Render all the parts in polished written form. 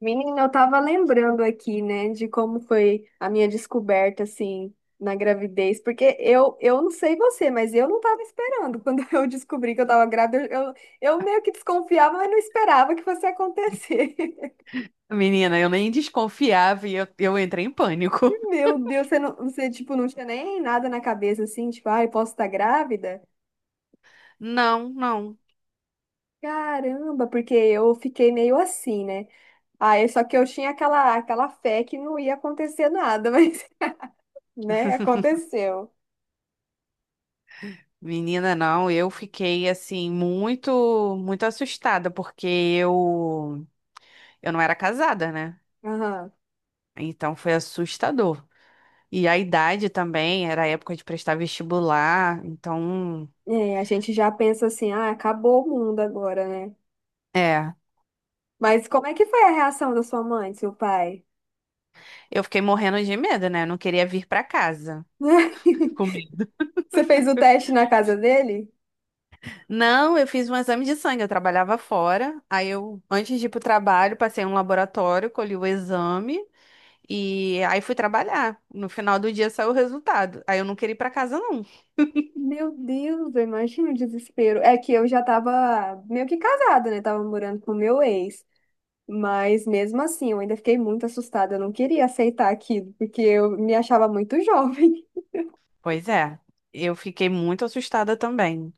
Menina, eu tava lembrando aqui, né, de como foi a minha descoberta, assim, na gravidez, porque eu não sei você, mas eu não tava esperando. Quando eu descobri que eu tava grávida, eu meio que desconfiava, mas não esperava que fosse acontecer. Menina, eu nem desconfiava e eu entrei em pânico. Meu Deus, você, não, você, tipo, não tinha nem nada na cabeça, assim, tipo, ai, posso estar grávida? Não, não. Caramba, porque eu fiquei meio assim, né? Aí, só que eu tinha aquela fé que não ia acontecer nada, mas, né, aconteceu. Menina, não, eu fiquei assim muito assustada porque eu não era casada, né? Aham. Então foi assustador. E a idade também, era a época de prestar vestibular, então, É, a gente já pensa assim, ah, acabou o mundo agora, né? é, Mas como é que foi a reação da sua mãe, do seu pai? eu fiquei morrendo de medo, né? Eu não queria vir pra casa. Você fez o teste na casa dele? Não, eu fiz um exame de sangue, eu trabalhava fora. Aí eu, antes de ir pro trabalho, passei em um laboratório, colhi o exame e aí fui trabalhar. No final do dia saiu o resultado. Aí eu não queria ir pra casa, não. Meu Deus, eu imagino o desespero. É que eu já tava meio que casada, né? Tava morando com o meu ex. Mas mesmo assim, eu ainda fiquei muito assustada. Eu não queria aceitar aquilo, porque eu me achava muito jovem. Pois é. Eu fiquei muito assustada também.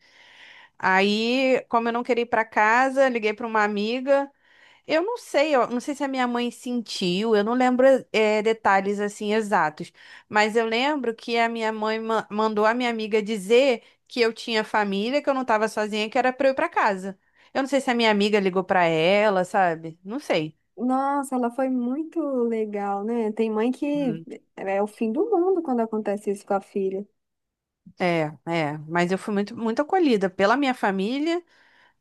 Aí, como eu não queria ir pra casa, liguei pra uma amiga. Eu não sei se a minha mãe sentiu, eu não lembro detalhes assim exatos, mas eu lembro que a minha mãe mandou a minha amiga dizer que eu tinha família, que eu não estava sozinha, que era para eu ir para casa. Eu não sei se a minha amiga ligou para ela, sabe? Não sei. Nossa, ela foi muito legal, né? Tem mãe que Hum. é o fim do mundo quando acontece isso com a filha. É, é, mas eu fui muito acolhida pela minha família,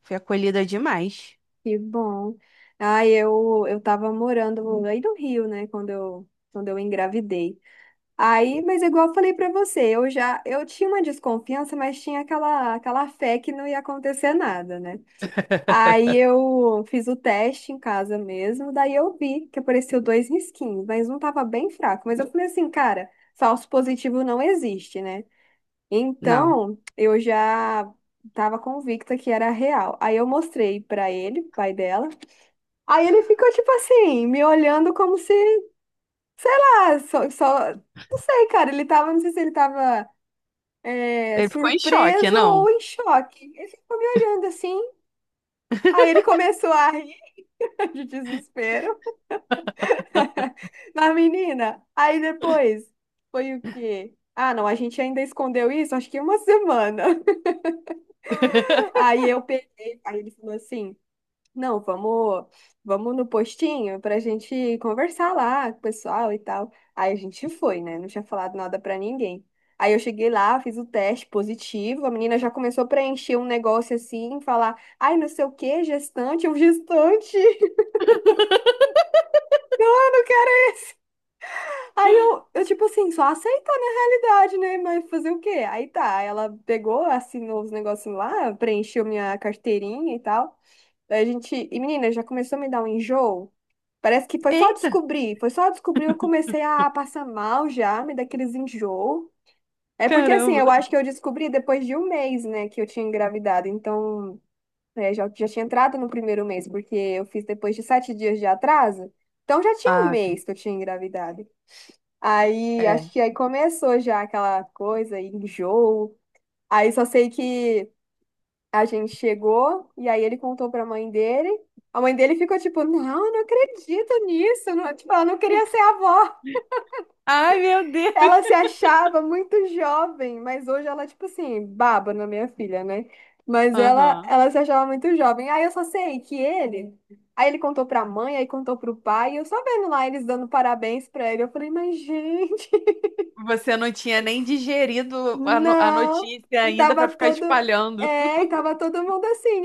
fui acolhida demais. Que bom. Ai, eu tava morando aí no Rio, né, quando quando eu engravidei. Aí, mas igual eu falei pra você, eu já, eu tinha uma desconfiança, mas tinha aquela fé que não ia acontecer nada, né? Aí eu fiz o teste em casa mesmo, daí eu vi que apareceu dois risquinhos, mas um tava bem fraco. Mas eu falei assim, cara, falso positivo não existe, né? Não, Então, eu já tava convicta que era real. Aí eu mostrei pra ele, pai dela. Aí ele ficou, tipo assim, me olhando como se, ah, só, não sei, cara, ele tava, não sei se ele tava é, ele ficou em choque, surpreso ou não? em choque. Ele ficou me olhando assim, aí ele começou a rir de desespero da menina. Aí depois, foi o quê? Ah, não, a gente ainda escondeu isso, acho que uma semana. Aí eu peguei, aí ele falou assim, não, vamos, vamos no postinho pra gente conversar lá com o pessoal e tal. Aí a gente foi, né? Não tinha falado nada pra ninguém. Aí eu cheguei lá, fiz o teste positivo, a menina já começou a preencher um negócio assim, falar, ai, não sei o quê, gestante, é um gestante. Não, eu não quero. Aí tipo assim, só aceitar na realidade, né? Mas fazer o quê? Aí tá, ela pegou, assinou os negócios lá, preencheu minha carteirinha e tal. Daí a gente. E menina, já começou a me dar um enjoo. Parece que foi só Eita, descobrir. Foi só descobrir, eu comecei a passar mal já, me dar aqueles enjoo. É porque assim, eu caramba. acho que eu descobri depois de um mês, né, que eu tinha engravidado. Então, é, já tinha entrado no primeiro mês, porque eu fiz depois de sete dias de atraso. Então já tinha um Ah, tá. mês que eu tinha engravidado. Aí, acho É. que aí começou já aquela coisa, enjoo. Aí só sei que a gente chegou e aí ele contou pra mãe dele. A mãe dele ficou tipo, não, eu não acredito nisso. Não, tipo, ela não queria ser avó. Ai, meu Deus. Ela se achava muito jovem, mas hoje ela, tipo assim, baba na minha filha, né? Mas ela, Aham. ela se achava muito jovem. Aí eu só sei que ele. Aí ele contou pra mãe, aí contou pro pai, e eu só vendo lá eles dando parabéns pra ele. Eu falei, mas gente, Você não tinha nem digerido a, no- a não. notícia E ainda tava para ficar todo. espalhando. É, e tava todo mundo assim,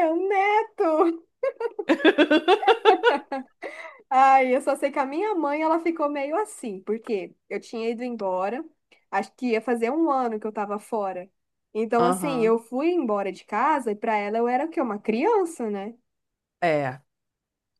eu neto! Ai, eu só sei que a minha mãe, ela ficou meio assim, porque eu tinha ido embora, acho que ia fazer um ano que eu tava fora. Então, assim, Aham. eu fui embora de casa e pra ela eu era o quê? Uma criança, né? É.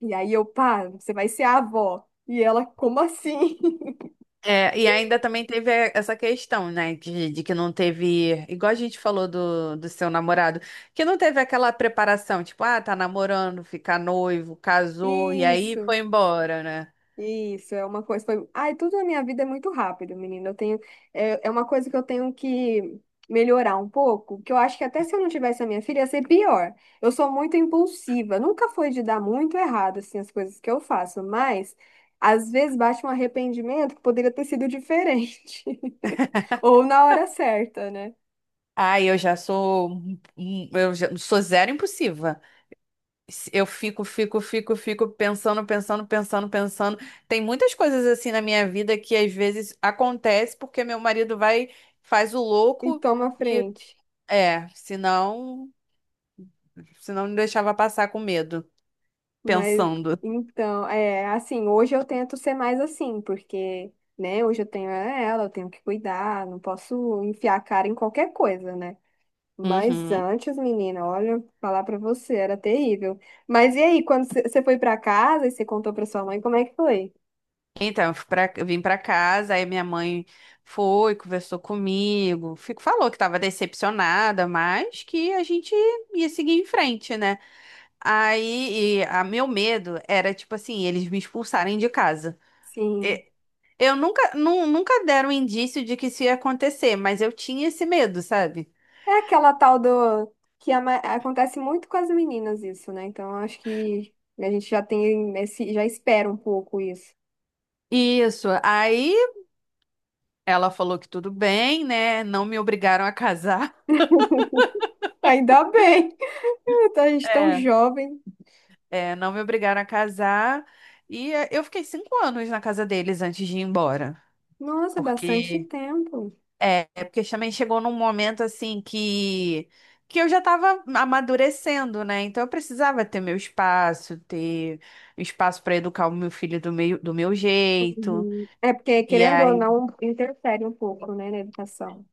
E aí eu, pá, você vai ser a avó. E ela, como assim? É, e ainda também teve essa questão, né, de que não teve, igual a gente falou do seu namorado, que não teve aquela preparação, tipo, ah, tá namorando, fica noivo, casou, e aí Isso. foi embora, né? Isso, é uma coisa. Foi... Ai, tudo na minha vida é muito rápido, menina. Eu tenho... É, é uma coisa que eu tenho que melhorar um pouco, que eu acho que até se eu não tivesse a minha filha, ia ser pior. Eu sou muito impulsiva. Nunca foi de dar muito errado, assim, as coisas que eu faço, mas às vezes bate um arrependimento que poderia ter sido diferente. Ou na hora certa, né? Ah, eu já sou, eu já sou zero impulsiva. Eu fico pensando, pensando. Tem muitas coisas assim na minha vida que às vezes acontece porque meu marido vai, faz o E louco toma a e frente. é, senão me deixava passar com medo, Mas pensando. então, é assim, hoje eu tento ser mais assim, porque, né, hoje eu tenho ela, eu tenho que cuidar, não posso enfiar a cara em qualquer coisa, né? Mas Uhum. antes, menina, olha, falar pra você, era terrível. Mas e aí, quando você foi pra casa e você contou pra sua mãe, como é que foi? Então, eu fui eu vim pra casa, aí minha mãe foi, conversou comigo, fico, falou que estava decepcionada, mas que a gente ia seguir em frente, né? Aí, e a meu medo era, tipo assim, eles me expulsarem de casa. Sim. E- Eu nunca, nunca deram indício de que isso ia acontecer, mas eu tinha esse medo, sabe? É aquela tal do que a ma- acontece muito com as meninas isso, né? Então, eu acho que a gente já tem esse, já espera um pouco isso. Isso. Aí ela falou que tudo bem, né? Não me obrigaram a casar. Ainda bem. A gente tão É. jovem. É, não me obrigaram a casar. E é, eu fiquei 5 anos na casa deles antes de ir embora. Nossa, é bastante Porque tempo. é, porque também chegou num momento assim que eu já estava amadurecendo, né? Então eu precisava ter meu espaço, ter espaço para educar o meu filho do meu jeito. Uhum. É porque, E querendo ou aí não, interfere um pouco, né, na educação.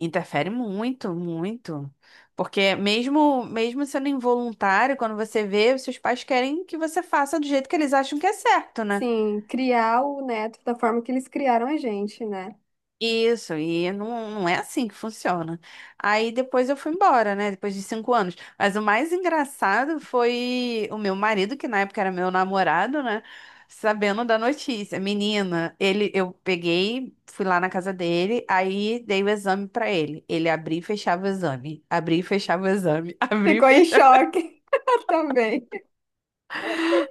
interfere muito, muito. Porque mesmo sendo involuntário, quando você vê, os seus pais querem que você faça do jeito que eles acham que é certo, né? Sim, criar o neto da forma que eles criaram a gente, né? Isso, e não, não é assim que funciona. Aí depois eu fui embora, né? Depois de 5 anos. Mas o mais engraçado foi o meu marido, que na época era meu namorado, né? Sabendo da notícia. Menina, ele, eu peguei, fui lá na casa dele, aí dei o exame pra ele. Ele abria e fechava o exame. Abria e fechava o exame. Abria e Ficou em fechava. choque também.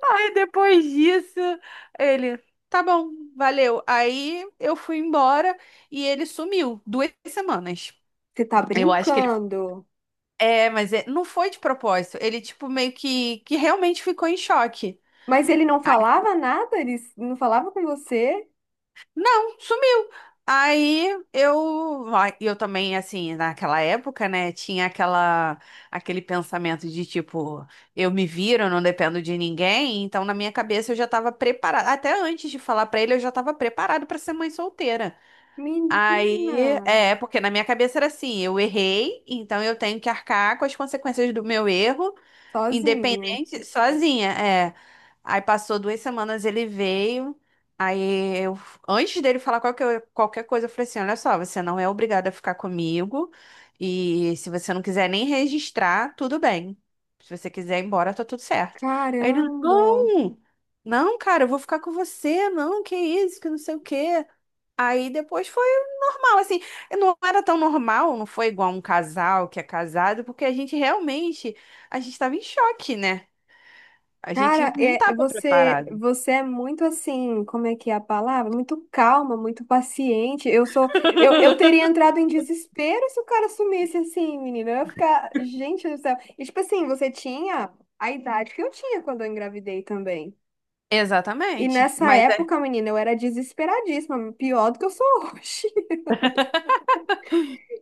Aí depois disso, ele, tá bom, valeu. Aí eu fui embora e ele sumiu 2 semanas. Você tá Eu acho que brincando. é, mas não foi de propósito. Ele, tipo, meio que realmente ficou em choque. Mas ele não Aí, falava nada? Ele não falava com você? não, sumiu. Aí eu, ai, eu também, assim, naquela época, né, tinha aquele pensamento de tipo, eu me viro, eu não dependo de ninguém. Então, na minha cabeça, eu já estava preparada. Até antes de falar pra ele, eu já estava preparada pra ser mãe solteira. Menina, Aí, é, porque na minha cabeça era assim, eu errei, então eu tenho que arcar com as consequências do meu erro, sozinha. independente, sozinha, é. Aí passou 2 semanas, ele veio, aí eu, antes dele falar qualquer coisa, eu falei assim, olha só, você não é obrigada a ficar comigo, e se você não quiser nem registrar, tudo bem. Se você quiser ir embora, tá tudo certo. Aí ele, Caramba. não, não, cara, eu vou ficar com você, não, que isso, que não sei o quê. Aí depois foi normal, assim, não era tão normal, não foi igual um casal que é casado, porque a gente realmente, a gente estava em choque, né? A gente Cara, não é, estava você, preparado. você é muito assim, como é que é a palavra? Muito calma, muito paciente. Eu sou, eu teria entrado em desespero se o cara sumisse assim, menina. Eu ia ficar, gente do céu. E tipo assim, você tinha a idade que eu tinha quando eu engravidei também. E Exatamente, nessa mas época, menina, eu era desesperadíssima, pior do que eu sou hoje.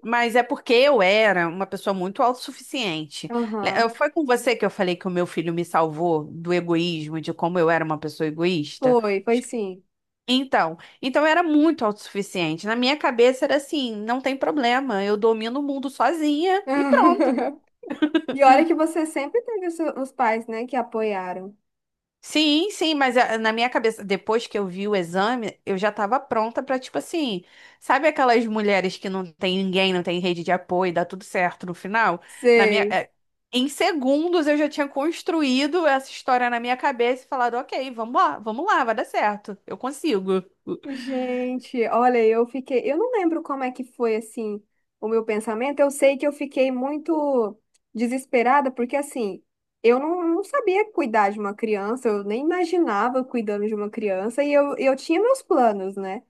é porque eu era uma pessoa muito autossuficiente. Aham. Foi com você que eu falei que o meu filho me salvou do egoísmo, de como eu era uma pessoa egoísta? Foi Acho que- sim. Então, então eu era muito autossuficiente. Na minha cabeça era assim, não tem problema, eu domino o mundo sozinha e pronto. E olha que você sempre teve os seus- os pais, né, que apoiaram. Sim, sim, mas ah, na minha cabeça, depois que eu vi o exame, eu já tava pronta pra, tipo assim, sabe aquelas mulheres que não tem ninguém, não tem rede de apoio, dá tudo certo no final? Na minha, Sei. Em segundos eu já tinha construído essa história na minha cabeça e falado, ok, vamos lá, vai dar certo, eu consigo. Gente, olha, eu fiquei. Eu não lembro como é que foi assim o meu pensamento. Eu sei que eu fiquei muito desesperada, porque assim, eu não sabia cuidar de uma criança, eu nem imaginava cuidando de uma criança, e eu tinha meus planos, né?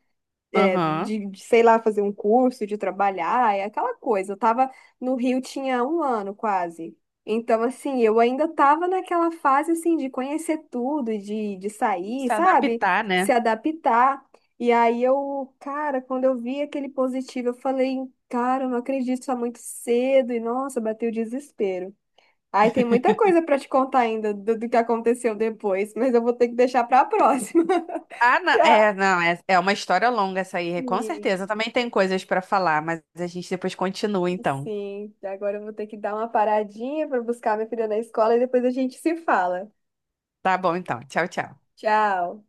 É, Aham. Sei lá, fazer um curso, de trabalhar, é aquela coisa. Eu tava no Rio tinha um ano quase. Então, assim, eu ainda tava naquela fase, assim, de conhecer tudo, de sair, Se sabe? adaptar, Se né? adaptar. E aí eu, cara, quando eu vi aquele positivo, eu falei, cara, eu não acredito, tá muito cedo. E, nossa, bateu o desespero. Aí tem muita coisa pra te contar ainda do que aconteceu depois, mas eu vou ter que deixar pra próxima. Ah, não, E é, não, é, é uma história longa essa aí, com a- certeza. Também tem coisas pra falar, mas a gente depois continua então. Sim, agora eu vou ter que dar uma paradinha para buscar minha filha na escola e depois a gente se fala. Tá bom, então. Tchau, tchau. Tchau.